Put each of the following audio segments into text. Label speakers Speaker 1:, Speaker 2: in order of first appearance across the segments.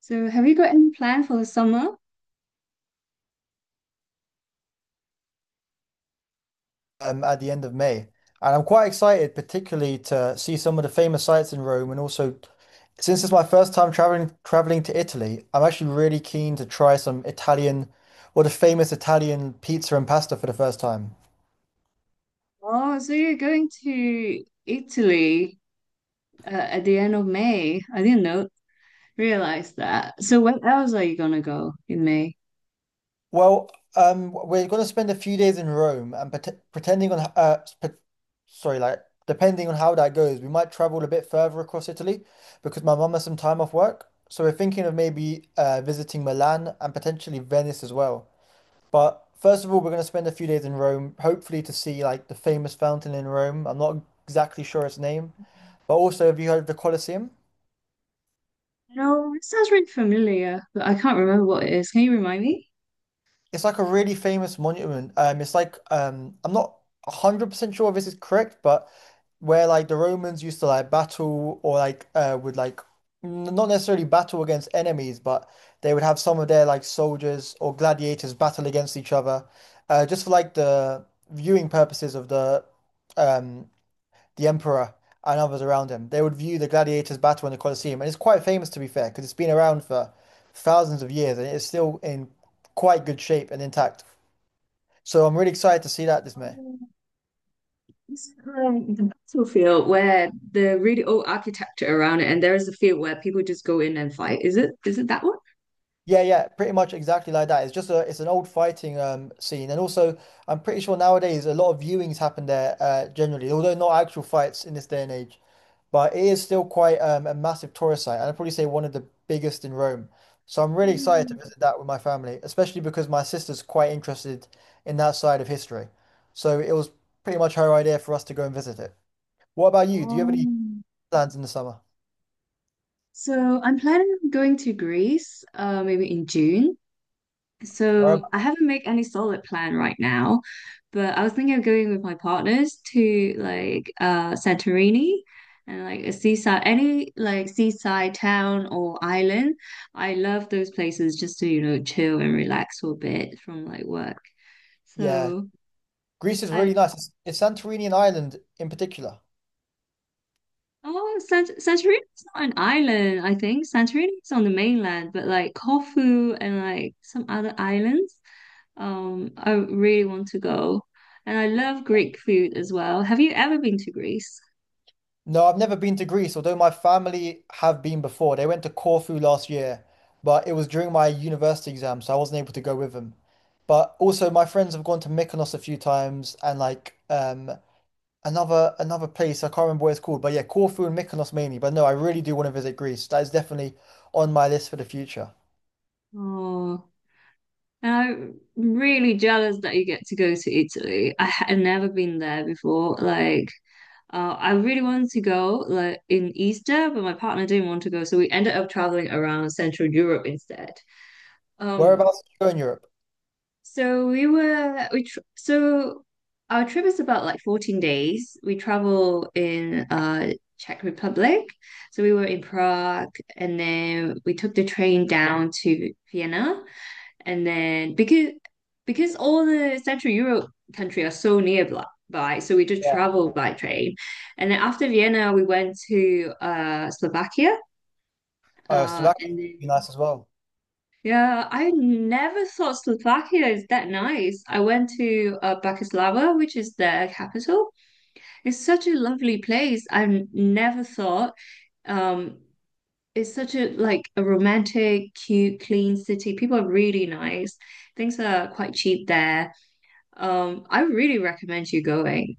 Speaker 1: So, have you got any plan for the summer?
Speaker 2: At the end of May. And I'm quite excited, particularly to see some of the famous sites in Rome. And also, since it's my first time traveling to Italy, I'm actually really keen to try some Italian or the famous Italian pizza and pasta for the first time.
Speaker 1: Oh, so you're going to Italy at the end of May. I didn't know, realize that. So, when else are you gonna go in May?
Speaker 2: Well, we're going to spend a few days in Rome, and pretending on h- sp- sorry, like depending on how that goes, we might travel a bit further across Italy because my mum has some time off work. So we're thinking of maybe visiting Milan and potentially Venice as well. But first of all, we're going to spend a few days in Rome, hopefully to see like the famous fountain in Rome. I'm not exactly sure its name, but also, have you heard of the Colosseum?
Speaker 1: No, it sounds really familiar, but I can't remember what it is. Can you remind me?
Speaker 2: It's like a really famous monument. It's like I'm not 100% sure if this is correct, but where like the Romans used to like battle or would like not necessarily battle against enemies, but they would have some of their like soldiers or gladiators battle against each other, just for like the viewing purposes of um the emperor, and others around him. They would view the gladiators' battle in the Colosseum, and it's quite famous to be fair, because it's been around for thousands of years and it's still in quite good shape and intact. So I'm really excited to see that this May.
Speaker 1: Oh, It's like the battlefield where the really old architecture around it, and there is a field where people just go in and fight. Is it? Is it that one?
Speaker 2: Yeah, yeah, pretty much exactly like that. It's just a it's an old fighting scene, and also I'm pretty sure nowadays a lot of viewings happen there generally, although not actual fights in this day and age, but it is still quite a massive tourist site, and I'd probably say one of the biggest in Rome. So I'm really excited to
Speaker 1: Oh,
Speaker 2: visit that with my family, especially because my sister's quite interested in that side of history. So it was pretty much her idea for us to go and visit it. What about you? Do you have any
Speaker 1: oh.
Speaker 2: plans in the summer?
Speaker 1: so I'm planning on going to Greece, maybe in June.
Speaker 2: Where?
Speaker 1: So I haven't made any solid plan right now, but I was thinking of going with my partners to like Santorini and like a seaside, any like seaside town or island. I love those places just to, you know, chill and relax for a bit from like work.
Speaker 2: Yeah,
Speaker 1: So
Speaker 2: Greece is
Speaker 1: I
Speaker 2: really nice. It's Santorini and Ireland in particular.
Speaker 1: Oh, Santorini is not an island, I think. Santorini is on the mainland, but like Corfu and like some other islands, I really want to go. And I love Greek food as well. Have you ever been to Greece?
Speaker 2: No, I've never been to Greece, although my family have been before. They went to Corfu last year, but it was during my university exam, so I wasn't able to go with them. But also my friends have gone to Mykonos a few times and like another place. I can't remember what it's called, but yeah, Corfu and Mykonos mainly. But no, I really do want to visit Greece. That is definitely on my list for the future.
Speaker 1: Oh, and I'm really jealous that you get to go to Italy. I had never been there before. Like, I really wanted to go like in Easter, but my partner didn't want to go, so we ended up traveling around Central Europe instead. Um,
Speaker 2: Whereabouts do you in Europe?
Speaker 1: So we were we tr so our trip is about like 14 days. We travel in Czech Republic. So we were in Prague and then we took the train down to Vienna, and then because all the Central Europe country are so nearby, so we just
Speaker 2: Yeah.
Speaker 1: traveled by train. And then after Vienna we went to Slovakia,
Speaker 2: Slovakia
Speaker 1: and
Speaker 2: would be
Speaker 1: then
Speaker 2: nice as well.
Speaker 1: yeah, I never thought Slovakia is that nice. I went to Bratislava, which is their capital. It's such a lovely place. I never thought um, it's such a like a romantic, cute, clean city. People are really nice. Things are quite cheap there. I really recommend you going.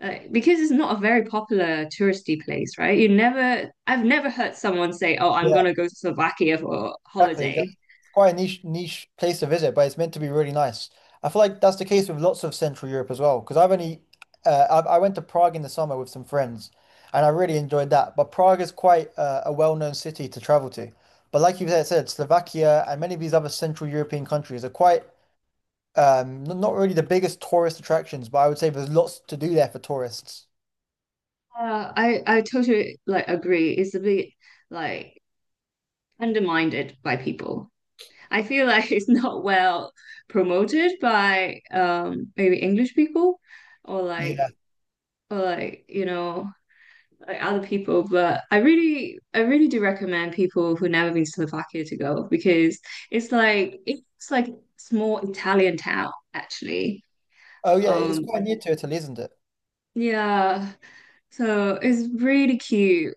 Speaker 1: Because it's not a very popular touristy place, right? You never, I've never heard someone say, "Oh, I'm
Speaker 2: Yeah.
Speaker 1: gonna go to Slovakia for
Speaker 2: Exactly, exactly.
Speaker 1: holiday."
Speaker 2: It's quite a niche place to visit, but it's meant to be really nice. I feel like that's the case with lots of Central Europe as well. Because I went to Prague in the summer with some friends, and I really enjoyed that. But Prague is quite a well-known city to travel to. But like you said, Slovakia and many of these other Central European countries are quite not really the biggest tourist attractions, but I would say there's lots to do there for tourists.
Speaker 1: I totally like agree. It's a bit like undermined by people. I feel like it's not well promoted by maybe English people or
Speaker 2: Yeah.
Speaker 1: like or like you know like other people. But I really do recommend people who've never been to Slovakia to go because it's like small Italian town actually.
Speaker 2: Oh yeah, it's
Speaker 1: Um
Speaker 2: quite near to Italy, isn't it?
Speaker 1: yeah, so it's really cute.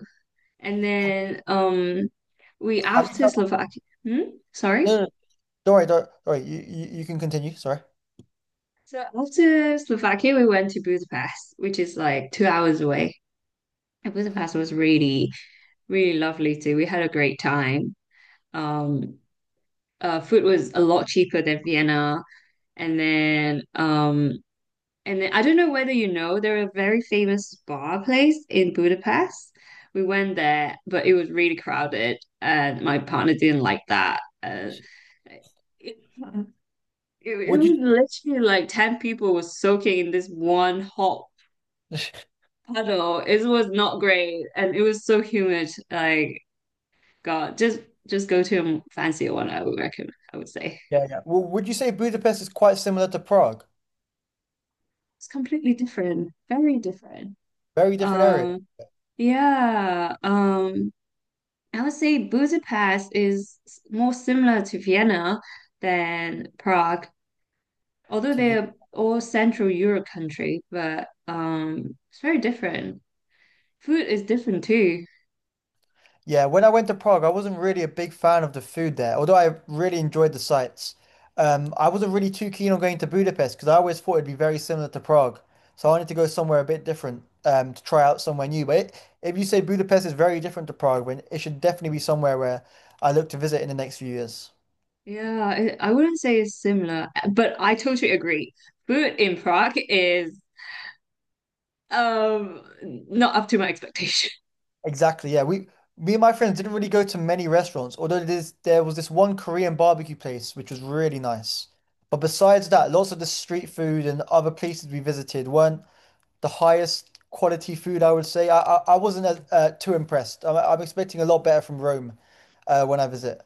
Speaker 1: And
Speaker 2: Have,
Speaker 1: then we
Speaker 2: have you
Speaker 1: after
Speaker 2: traveled?
Speaker 1: Slovakia. Hmm?
Speaker 2: No, no,
Speaker 1: Sorry?
Speaker 2: no, don't worry, don't, sorry. You can continue. Sorry.
Speaker 1: So after Slovakia, we went to Budapest, which is like 2 hours away. And Budapest was really, really lovely too. We had a great time. Um, Food was a lot cheaper than Vienna. And then, I don't know whether you know, there are a very famous bar place in Budapest. We went there, but it was really crowded, and my partner didn't like that. It
Speaker 2: Would you
Speaker 1: was literally like 10 people were soaking in this one hot puddle. It was not great and it was so humid. Like, God, just go to a fancier one, I would recommend, I would say.
Speaker 2: Yeah, yeah. Well, would you say Budapest is quite similar to Prague?
Speaker 1: It's completely different, very different.
Speaker 2: Very different area
Speaker 1: Um, yeah, um, I would say Budapest is more similar to Vienna than Prague, although
Speaker 2: to the.
Speaker 1: they're all Central Europe country, but it's very different. Food is different too.
Speaker 2: Yeah, when I went to Prague, I wasn't really a big fan of the food there, although I really enjoyed the sights. I wasn't really too keen on going to Budapest because I always thought it'd be very similar to Prague. So I wanted to go somewhere a bit different to try out somewhere new. But it, if you say Budapest is very different to Prague, then it should definitely be somewhere where I look to visit in the next few years.
Speaker 1: Yeah, I wouldn't say it's similar, but I totally agree. Food in Prague is not up to my expectation.
Speaker 2: Exactly, yeah. Me and my friends didn't really go to many restaurants, although there was this one Korean barbecue place which was really nice. But besides that, lots of the street food and other places we visited weren't the highest quality food, I would say. I wasn't as, too impressed. I'm expecting a lot better from Rome when I visit.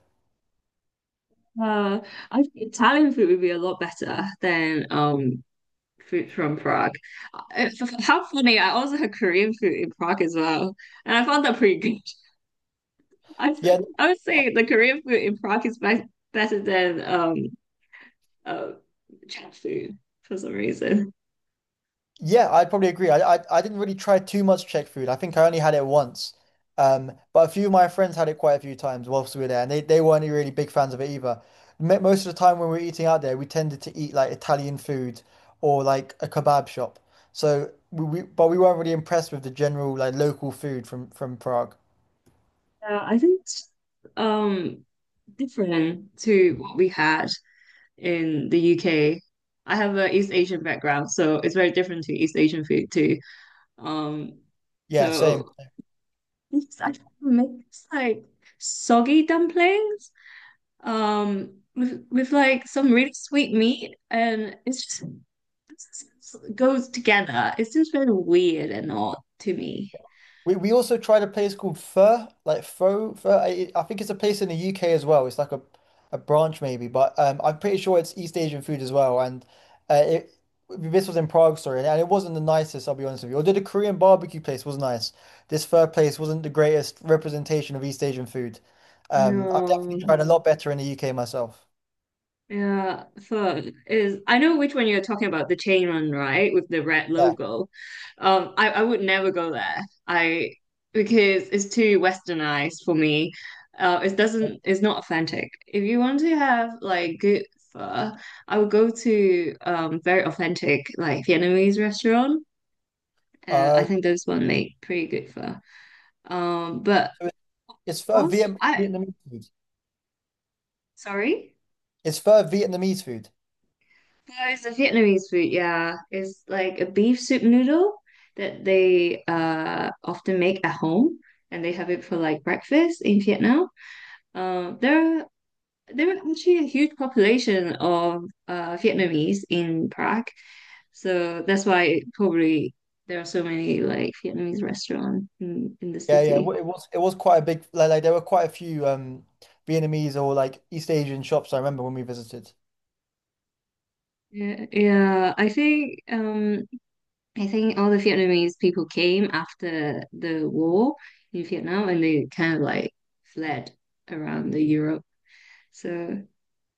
Speaker 1: Uh, think Italian food would be a lot better than food from Prague. Uh, How funny! I also had Korean food in Prague as well, and I found that pretty good. I s-
Speaker 2: Yeah.
Speaker 1: I would say the Korean food in Prague is be better than uh Czech food for some reason.
Speaker 2: Yeah, I'd probably agree. I didn't really try too much Czech food. I think I only had it once. But a few of my friends had it quite a few times whilst we were there, and they weren't really big fans of it either. Most of the time when we were eating out there, we tended to eat like Italian food or like a kebab shop. So we but we weren't really impressed with the general like local food from Prague.
Speaker 1: Yeah, I think it's um different to what we had in the UK. I have an East Asian background, so it's very different to East Asian food too. Um,
Speaker 2: Yeah, same.
Speaker 1: so it's- I Make this like soggy dumplings, with like some really sweet meat, and it's just it just goes together. It's just very weird and odd to me.
Speaker 2: We also tried a place called Fur, like Faux, Fur. I think it's a place in the UK as well. It's like a branch maybe, but I'm pretty sure it's East Asian food as well. And it this was in Prague, sorry, and it wasn't the nicest. I'll be honest with you. Although the Korean barbecue place was nice, this Fur place wasn't the greatest representation of East Asian food. I've definitely
Speaker 1: No.
Speaker 2: tried a lot better in the UK myself.
Speaker 1: Yeah, fun is I know which one you're talking about, the chain one, right? With the red
Speaker 2: Yeah.
Speaker 1: logo. I would never go there. I Because it's too westernized for me. It's not authentic. If you want to have like good pho, I would go to very authentic like Vietnamese restaurant. I
Speaker 2: Uh,
Speaker 1: think those one make pretty good pho. But
Speaker 2: so it's Pho
Speaker 1: also
Speaker 2: Vietnam
Speaker 1: I
Speaker 2: Vietnamese food.
Speaker 1: sorry.
Speaker 2: It's Fur Vietnamese food.
Speaker 1: No, it's a Vietnamese food, yeah. It's like a beef soup noodle that they often make at home and they have it for like breakfast in Vietnam. Um there are there are actually a huge population of Vietnamese in Prague. So that's why it probably there are so many like Vietnamese restaurants in the
Speaker 2: Yeah, yeah.
Speaker 1: city.
Speaker 2: It was quite a big like there were quite a few Vietnamese or like East Asian shops I remember when we visited.
Speaker 1: Yeah, yeah. I think all the Vietnamese people came after the war in Vietnam and they kind of like fled around the Europe. So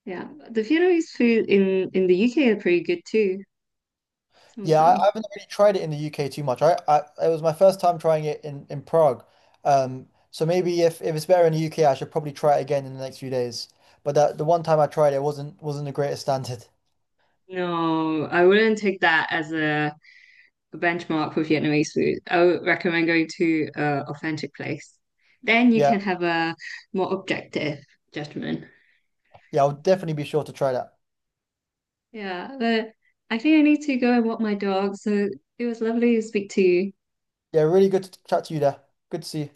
Speaker 1: yeah, the Vietnamese food in the UK are pretty good too, some of
Speaker 2: Yeah, I
Speaker 1: them.
Speaker 2: haven't really tried it in the UK too much. I it was my first time trying it in Prague. So maybe if it's better in the UK, I should probably try it again in the next few days. But that the one time I tried it wasn't the greatest standard.
Speaker 1: No, I wouldn't take that as a benchmark for Vietnamese food. I would recommend going to an authentic place. Then you
Speaker 2: Yeah,
Speaker 1: can have a more objective judgment.
Speaker 2: yeah. I'll definitely be sure to try that.
Speaker 1: Yeah, but I think I need to go and walk my dog, so it was lovely to speak to you.
Speaker 2: Yeah, really good to chat to you there. Good to see you.